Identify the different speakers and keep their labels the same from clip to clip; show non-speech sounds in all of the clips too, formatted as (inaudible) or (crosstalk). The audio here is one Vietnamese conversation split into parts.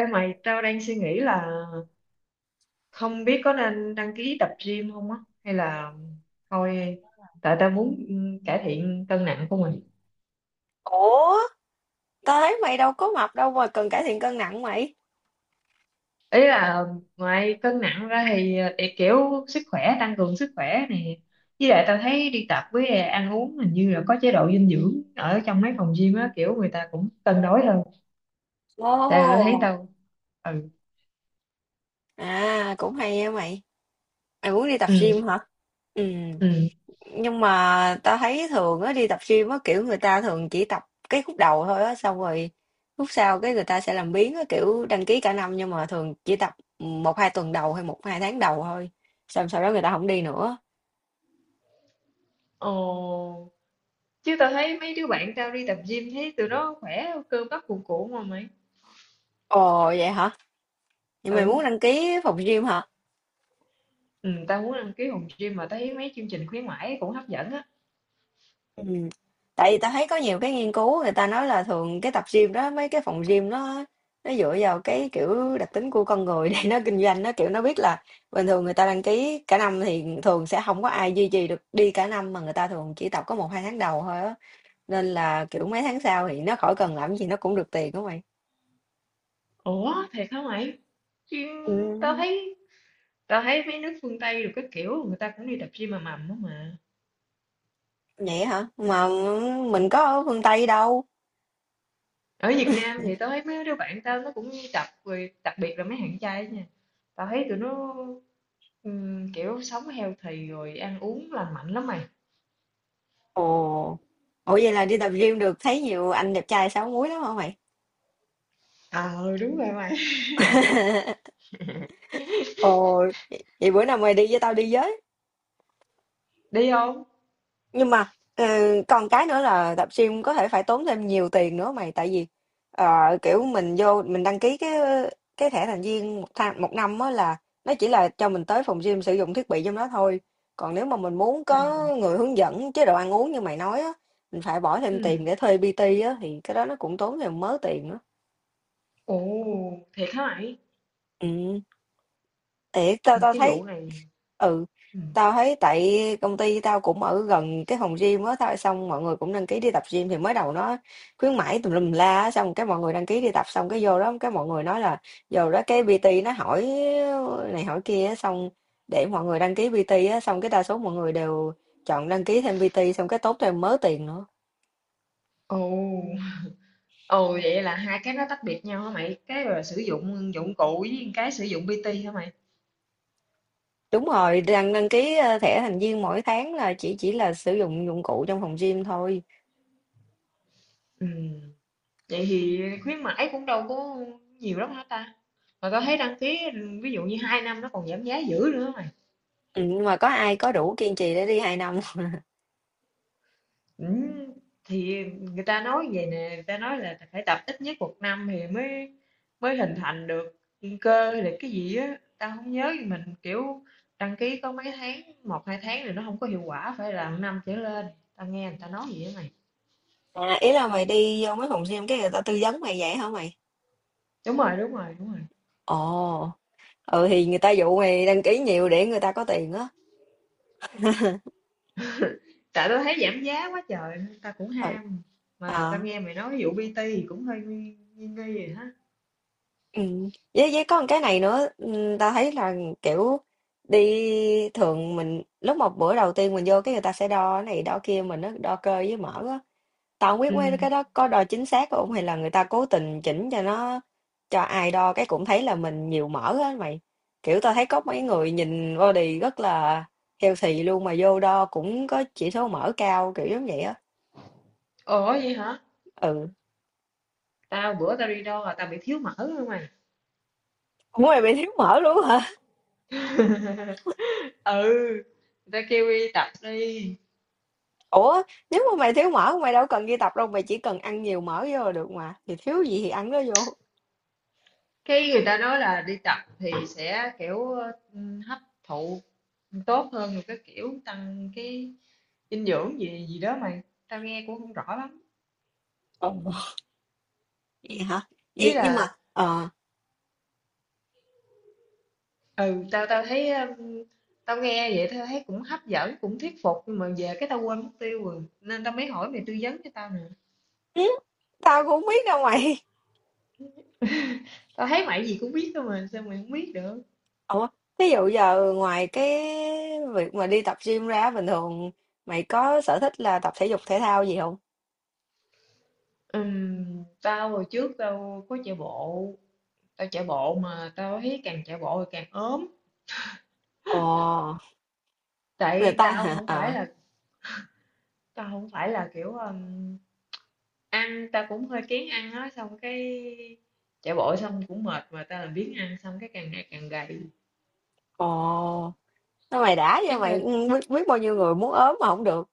Speaker 1: Ê mày, tao đang suy nghĩ là không biết có nên đăng ký tập gym không á, hay là thôi, tại tao muốn cải thiện cân nặng của mình.
Speaker 2: Ủa, tao thấy mày đâu có mập đâu mà cần cải thiện cân nặng mày.
Speaker 1: Ý là ngoài cân nặng ra thì để kiểu sức khỏe, tăng cường sức khỏe này. Với lại tao thấy đi tập với ăn uống hình như là có chế độ dinh dưỡng ở trong mấy phòng gym á, kiểu người ta cũng cân đối hơn. Tại tao thấy
Speaker 2: Ồ.
Speaker 1: tao, ừ,
Speaker 2: À, cũng hay á mày. Mày muốn đi tập
Speaker 1: ừ,
Speaker 2: gym hả? Ừ.
Speaker 1: ừ.
Speaker 2: Nhưng mà tao thấy thường á đi tập gym á kiểu người ta thường chỉ tập cái khúc đầu thôi á xong rồi khúc sau cái người ta sẽ làm biếng á kiểu đăng ký cả năm nhưng mà thường chỉ tập một hai tuần đầu hay một hai tháng đầu thôi. Xong sau đó người ta không đi nữa.
Speaker 1: Ồ, chứ tao thấy mấy đứa bạn tao đi tập gym thấy tụi nó khỏe, cơ bắp cuồn cuộn mà mày.
Speaker 2: Ồ vậy hả? Nhưng mày
Speaker 1: Ừ.
Speaker 2: muốn đăng ký phòng gym hả?
Speaker 1: Ừ, tao muốn đăng ký phòng gym mà tao thấy mấy chương trình khuyến mãi cũng hấp dẫn á.
Speaker 2: Ừm. Tại vì ta thấy có nhiều cái nghiên cứu người ta nói là thường cái tập gym đó, mấy cái phòng gym nó dựa vào cái, kiểu, đặc tính của con người (laughs) để nó kinh doanh. Nó, kiểu, nó biết là bình thường người ta đăng ký cả năm thì thường sẽ không có ai duy trì được đi cả năm, mà người ta thường chỉ tập có một hai tháng đầu thôi á, nên là, kiểu, mấy tháng sau thì nó khỏi cần làm gì nó cũng được tiền á mày.
Speaker 1: Ủa, thiệt hả mày? Gym, tao
Speaker 2: Ừm.
Speaker 1: thấy tao thấy mấy nước phương Tây rồi các kiểu người ta cũng đi tập gym mà mầm đó mà.
Speaker 2: Vậy hả? Mà mình có ở phương Tây đâu.
Speaker 1: Ở Việt Nam thì tao thấy mấy đứa bạn tao nó cũng đi tập rồi, đặc biệt là mấy thằng trai á nha. Tao thấy tụi nó kiểu sống healthy rồi ăn uống lành mạnh lắm mày.
Speaker 2: Ồ. Ủa, vậy là đi tập gym được thấy nhiều anh đẹp trai 6 múi lắm hả mày?
Speaker 1: Ờ đúng rồi mày.
Speaker 2: (laughs) Ồ, vậy vậy bữa nào mày đi với tao đi với.
Speaker 1: Đi không?
Speaker 2: Nhưng mà còn cái nữa là tập gym có thể phải tốn thêm nhiều tiền nữa mày, tại vì kiểu mình vô mình đăng ký cái thẻ thành viên một tháng một năm á là nó chỉ là cho mình tới phòng gym sử dụng thiết bị trong đó thôi. Còn nếu mà mình muốn
Speaker 1: Ừ.
Speaker 2: có người hướng dẫn chế độ ăn uống như mày nói á, mình phải bỏ thêm tiền
Speaker 1: Ừ.
Speaker 2: để thuê PT á thì cái đó nó cũng tốn thêm mớ tiền nữa.
Speaker 1: Ồ, thiệt hả mày?
Speaker 2: Ừ. Thiệt, tao
Speaker 1: Ừ,
Speaker 2: tao
Speaker 1: cái
Speaker 2: thấy
Speaker 1: vụ này.
Speaker 2: ừ,
Speaker 1: Ừ.
Speaker 2: tao thấy tại công ty tao cũng ở gần cái phòng gym á, tao xong mọi người cũng đăng ký đi tập gym thì mới đầu nó khuyến mãi tùm lum la á, xong cái mọi người đăng ký đi tập xong cái vô đó cái mọi người nói là vô đó cái PT nó hỏi này hỏi kia á, xong để mọi người đăng ký PT á, xong cái đa số mọi người đều chọn đăng ký thêm PT xong cái tốn thêm mớ tiền nữa.
Speaker 1: Ồ. Ồ vậy là hai cái nó tách biệt nhau hả mày? Cái là sử dụng dụng cụ với cái sử dụng PT hả mày?
Speaker 2: Đúng rồi, đăng đăng ký thẻ thành viên mỗi tháng là chỉ là sử dụng dụng cụ trong phòng gym thôi.
Speaker 1: Ừ. Vậy thì khuyến mãi cũng đâu có nhiều lắm hả ta? Mà tao thấy đăng ký ví dụ như hai năm nó còn giảm giá dữ nữa hả mày.
Speaker 2: Ừ, nhưng mà có ai có đủ kiên trì để đi 2 năm.
Speaker 1: Ừ. Thì người ta nói vậy nè, người ta nói là phải tập ít nhất một năm thì mới mới hình thành được cơ hay là cái gì á, tao không nhớ nhưng mình kiểu đăng ký có mấy tháng, một hai tháng thì nó không có hiệu quả phải là một năm trở lên. Tao nghe người ta nói vậy á mày.
Speaker 2: À, ý là mày đi vô mấy phòng gym cái người ta tư vấn mày vậy hả mày?
Speaker 1: Đúng rồi, đúng rồi, đúng rồi.
Speaker 2: Ồ, ừ thì người ta dụ mày đăng ký nhiều để người ta có tiền á. (laughs)
Speaker 1: Tại tao thấy giảm giá quá trời nên tao cũng ham, mà tao
Speaker 2: Ừ.
Speaker 1: nghe mày nói vụ PT thì cũng hơi nghi nghi nghi rồi hả.
Speaker 2: Ừ. Với có một cái này nữa, ta thấy là kiểu đi thường mình lúc một bữa đầu tiên mình vô cái người ta sẽ đo cái này đo kia mình nó đo cơ với mỡ á, tao không biết
Speaker 1: Ừ.
Speaker 2: mấy cái đó có đo chính xác không hay là người ta cố tình chỉnh cho nó cho ai đo cái cũng thấy là mình nhiều mỡ á mày, kiểu tao thấy có mấy người nhìn body rất là healthy luôn mà vô đo cũng có chỉ số mỡ cao kiểu giống vậy á.
Speaker 1: Ủa, vậy hả?
Speaker 2: Ừ,
Speaker 1: Tao bữa tao đi đo là tao bị thiếu mỡ luôn mày.
Speaker 2: cũng mày bị thiếu mỡ luôn hả.
Speaker 1: (laughs) Ừ. Người ta kêu đi tập đi,
Speaker 2: Ủa, nếu mà mày thiếu mỡ mày đâu cần đi tập đâu, mày chỉ cần ăn nhiều mỡ vô là được mà. Thì thiếu gì thì ăn nó vô.
Speaker 1: cái người ta nói là đi tập thì sẽ kiểu hấp thụ tốt hơn rồi cái kiểu tăng cái dinh dưỡng gì gì đó mày, tao nghe cũng không rõ lắm.
Speaker 2: Ồ, vậy hả?
Speaker 1: Ý
Speaker 2: Vậy
Speaker 1: là
Speaker 2: nhưng mà
Speaker 1: ừ tao tao thấy tao nghe vậy tao thấy cũng hấp dẫn cũng thuyết phục nhưng mà về cái tao quên mất tiêu rồi nên tao mới hỏi mày tư vấn cho tao nè.
Speaker 2: ừ, tao cũng không biết đâu mày.
Speaker 1: Tao thấy mày gì cũng biết thôi mà sao mày không biết được.
Speaker 2: (laughs) Ủa, ví dụ giờ ngoài cái việc mà đi tập gym ra bình thường mày có sở thích là tập thể dục thể thao gì không?
Speaker 1: Tao hồi trước tao có chạy bộ, mà tao thấy càng chạy bộ thì càng ốm.
Speaker 2: Ồ, người
Speaker 1: Tại
Speaker 2: ta
Speaker 1: tao
Speaker 2: hả?
Speaker 1: không phải
Speaker 2: Ờ.
Speaker 1: là tao không phải là kiểu ăn tao cũng hơi kén ăn á, xong cái chạy bộ xong cũng mệt mà tao làm biếng ăn xong cái càng ngày càng gầy.
Speaker 2: Ồ, nó mày đã vậy
Speaker 1: chắc do
Speaker 2: mày biết bao nhiêu người muốn ốm mà không được.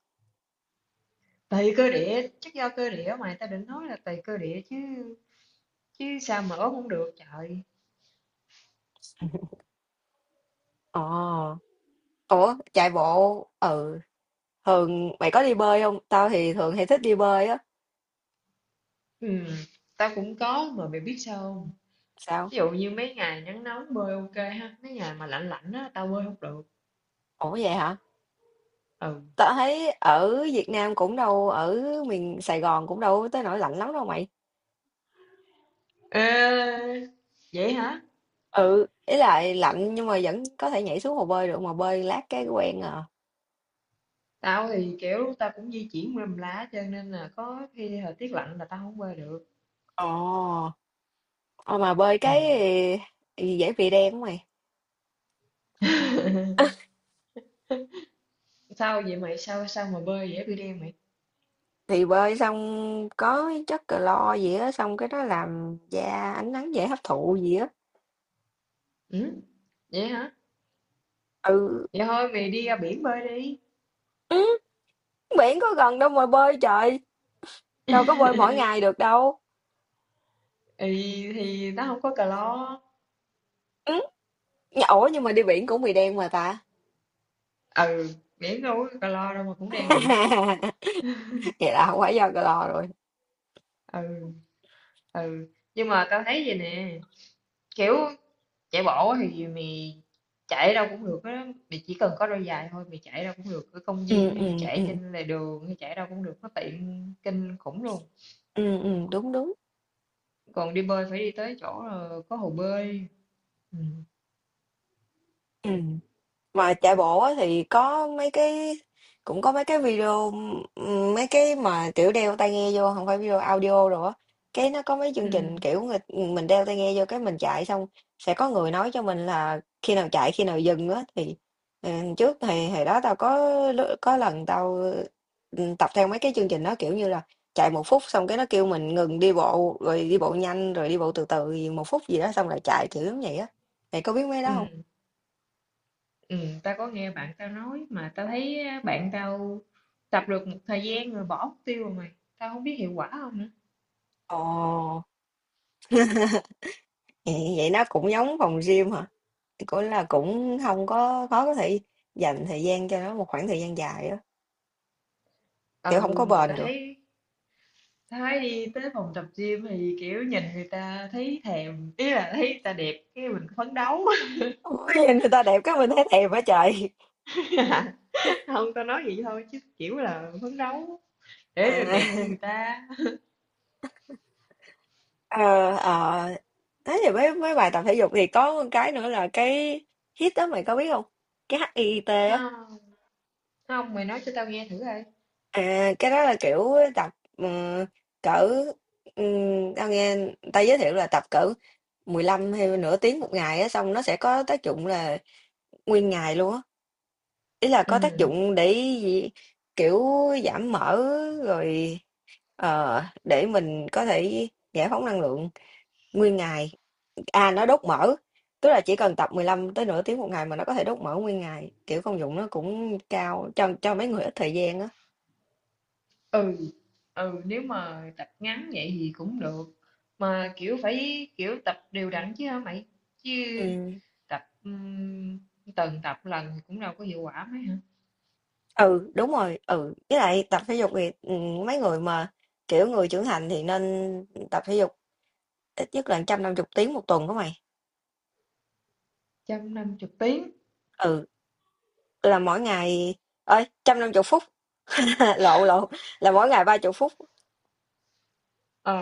Speaker 1: chắc do cơ địa, mà tao định nói là tùy cơ địa chứ chứ sao mà ốm không được trời.
Speaker 2: Ồ. Ủa, chạy bộ, thường mày có đi bơi không? Tao thì thường hay thích đi bơi á.
Speaker 1: Ừ, tao cũng có mà mày biết sao không.
Speaker 2: Sao?
Speaker 1: Ví dụ như mấy ngày nắng nóng bơi ok ha, mấy ngày mà lạnh lạnh á tao bơi không được.
Speaker 2: Ủa vậy hả?
Speaker 1: Ừ.
Speaker 2: Tao thấy ở Việt Nam cũng đâu, ở miền Sài Gòn cũng đâu tới nỗi lạnh lắm đâu mày.
Speaker 1: Ê, vậy hả?
Speaker 2: Ừ, ý là lạnh nhưng mà vẫn có thể nhảy xuống hồ bơi được mà bơi lát cái quen à.
Speaker 1: Tao thì kiểu tao cũng di chuyển mềm lá cho nên là có khi thời tiết lạnh là tao không bơi được.
Speaker 2: Ồ, ờ, mà bơi
Speaker 1: Ừ.
Speaker 2: cái gì dễ bị đen của mày.
Speaker 1: (laughs) Sao vậy mày, sao sao mà bơi dễ bị đen mày?
Speaker 2: Thì bơi xong có chất clo gì á, xong cái đó làm da ánh nắng dễ hấp thụ gì á.
Speaker 1: Ừ? Vậy hả?
Speaker 2: Ừ,
Speaker 1: Vậy thôi mày đi ra biển bơi đi,
Speaker 2: ừ, biển có gần đâu mà bơi trời, đâu có bơi mỗi ngày được đâu.
Speaker 1: thì nó không có clo.
Speaker 2: Ừ, ủa nhưng mà đi biển cũng bị đen mà ta.
Speaker 1: Ừ, miễn đâu có calo đâu mà cũng đen vậy.
Speaker 2: (laughs) Vậy là không phải do cái lo rồi.
Speaker 1: Ừ. Ừ. Nhưng mà tao thấy vậy nè, kiểu chạy bộ thì mày chạy đâu cũng được á mày, chỉ cần có đôi giày thôi mày chạy đâu cũng được, ở công
Speaker 2: Ừ
Speaker 1: viên
Speaker 2: ừ
Speaker 1: hay
Speaker 2: ừ
Speaker 1: chạy trên lề đường hay chạy đâu cũng được, nó tiện kinh khủng luôn.
Speaker 2: ừ ừ, đúng đúng.
Speaker 1: Còn đi bơi phải đi tới chỗ có hồ bơi. Ừ.
Speaker 2: Ừ mà chạy bộ á thì có mấy cái video, mấy cái mà kiểu đeo tai nghe vô không phải video audio rồi á, cái nó có mấy chương
Speaker 1: Ừ.
Speaker 2: trình kiểu người, mình đeo tai nghe vô cái mình chạy xong sẽ có người nói cho mình là khi nào chạy khi nào dừng á, thì ừ, trước thì hồi đó tao có có lần tao tập theo mấy cái chương trình đó kiểu như là chạy một phút xong cái nó kêu mình ngừng đi bộ rồi đi bộ nhanh rồi đi bộ từ từ gì một phút gì đó xong lại chạy kiểu giống vậy á, mày có biết mấy
Speaker 1: Ừ.
Speaker 2: đó không?
Speaker 1: Ừ. Tao có nghe bạn tao nói mà tao thấy á, bạn tao tập được một thời gian rồi bỏ mục tiêu rồi mày, tao không biết hiệu quả không nữa.
Speaker 2: Ồ. Ừ, vậy nó cũng giống phòng gym hả? Cũng là cũng không có khó có thể dành thời gian cho nó một khoảng thời gian dài á. Kiểu không
Speaker 1: Ừ,
Speaker 2: có
Speaker 1: mà
Speaker 2: bền
Speaker 1: tao
Speaker 2: được.
Speaker 1: thấy Thái đi tới phòng tập gym thì kiểu nhìn người ta thấy thèm, ý là thấy người ta đẹp cái mình phấn đấu.
Speaker 2: Ôi, nhìn người ta đẹp cái mình thấy thèm quá trời.
Speaker 1: (laughs) Không tao nói vậy thôi chứ kiểu là phấn đấu để được
Speaker 2: À,
Speaker 1: đẹp như người
Speaker 2: (laughs)
Speaker 1: ta.
Speaker 2: ờ, ờ. Thế thì mấy mấy bài tập thể dục thì có một cái nữa là cái HIIT đó mày có biết không? Cái HIIT á.
Speaker 1: Không, không, mày nói cho tao nghe thử coi.
Speaker 2: À, cái đó là kiểu tập cỡ, tao nghe người ta giới thiệu là tập cỡ 15 hay nửa tiếng một ngày á xong nó sẽ có tác dụng là nguyên ngày luôn á, ý là có tác
Speaker 1: Ừ.
Speaker 2: dụng để gì, kiểu giảm mỡ rồi để mình có thể giải phóng năng lượng nguyên ngày, à nó đốt mỡ, tức là chỉ cần tập 15 tới nửa tiếng một ngày mà nó có thể đốt mỡ nguyên ngày, kiểu công dụng nó cũng cao cho mấy người ít thời gian á.
Speaker 1: Ừ. Ừ, nếu mà tập ngắn vậy thì cũng được, mà kiểu phải kiểu tập đều đặn chứ hả mày, chứ
Speaker 2: Ừ.
Speaker 1: tập tuần tập lần thì cũng đâu có hiệu quả mấy hả.
Speaker 2: Ừ đúng rồi, ừ với lại tập thể dục thì mấy người mà kiểu người trưởng thành thì nên tập thể dục ít nhất là 150 tiếng một tuần của mày.
Speaker 1: Trăm năm chục tiếng?
Speaker 2: Ừ là mỗi ngày, ơi, 150 phút, (laughs) lộn lộn, là mỗi ngày ba chục phút.
Speaker 1: Ờ.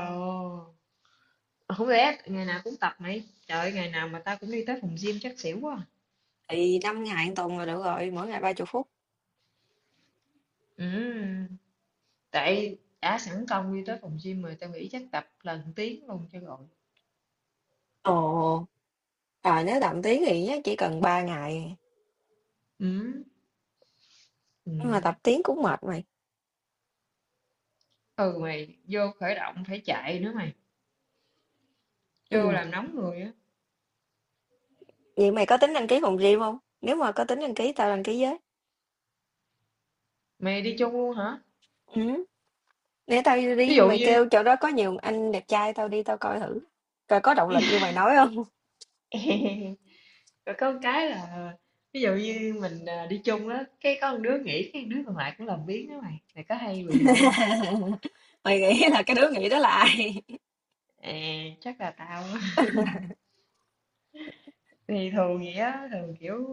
Speaker 1: Không lẽ ngày nào cũng tập mày? Trời ơi, ngày nào mà tao cũng đi tới phòng gym chắc xỉu quá à.
Speaker 2: Thì năm ngày một tuần là được rồi, mỗi ngày ba chục phút.
Speaker 1: Ừ, tại đã sẵn công đi tới phòng gym rồi tao nghĩ chắc tập lần tiếng luôn cho rồi.
Speaker 2: Ồ, à nếu tập tiếng thì chắc chỉ cần ba ngày,
Speaker 1: Ừ, ừ.
Speaker 2: nhưng mà tập tiếng cũng mệt mày.
Speaker 1: Ừ mày vô khởi động phải chạy nữa mày.
Speaker 2: Ừ.
Speaker 1: Vô làm nóng người á.
Speaker 2: Vậy mày có tính đăng ký phòng gym không, nếu mà có tính đăng ký tao đăng ký với.
Speaker 1: Mày đi chung luôn hả?
Speaker 2: Ừ. Để tao
Speaker 1: Ví
Speaker 2: đi,
Speaker 1: dụ
Speaker 2: mày
Speaker 1: như
Speaker 2: kêu chỗ đó có nhiều anh đẹp trai tao đi tao coi thử coi có động lực như mày nói không.
Speaker 1: (laughs) rồi có một cái là ví dụ như mình à, đi chung đó, cái có một đứa nghỉ cái đứa còn lại cũng làm biếng đó mày. Mày có hay bị vậy không?
Speaker 2: (laughs) Mày nghĩ là cái đứa nghĩ đó là ai?
Speaker 1: À, chắc là tao á. Thì thường vậy á, thường kiểu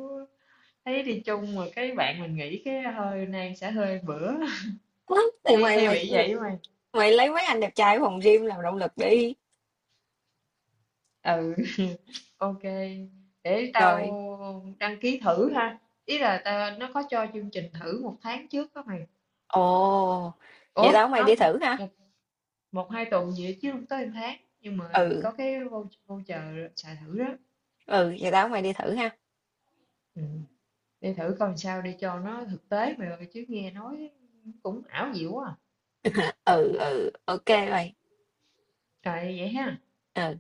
Speaker 1: thấy đi chung mà cái bạn mình nghĩ cái hơi Nam sẽ hơi bữa.
Speaker 2: (laughs)
Speaker 1: (laughs)
Speaker 2: Thì
Speaker 1: hay
Speaker 2: mày
Speaker 1: hay
Speaker 2: mày
Speaker 1: bị vậy mà.
Speaker 2: mày lấy mấy anh đẹp trai ở phòng gym làm động lực đi
Speaker 1: Ừ. (laughs) Ok, để tao
Speaker 2: rồi.
Speaker 1: đăng ký thử ha. Ý là tao, nó có cho chương trình thử một tháng trước đó mày.
Speaker 2: Ồ, vậy
Speaker 1: Ủa
Speaker 2: tao mày
Speaker 1: không,
Speaker 2: đi thử ha.
Speaker 1: một một hai tuần gì đó chứ không tới một tháng, nhưng mà
Speaker 2: Ừ,
Speaker 1: có cái voucher xài thử đó.
Speaker 2: ừ, vậy tao mày đi thử ha.
Speaker 1: Ừ. Đi thử coi sao để cho nó thực tế mày ơi, chứ nghe nói cũng ảo diệu quá à.
Speaker 2: (laughs) Ừ, ừ, ok mày.
Speaker 1: Trời vậy ha.
Speaker 2: Ừ.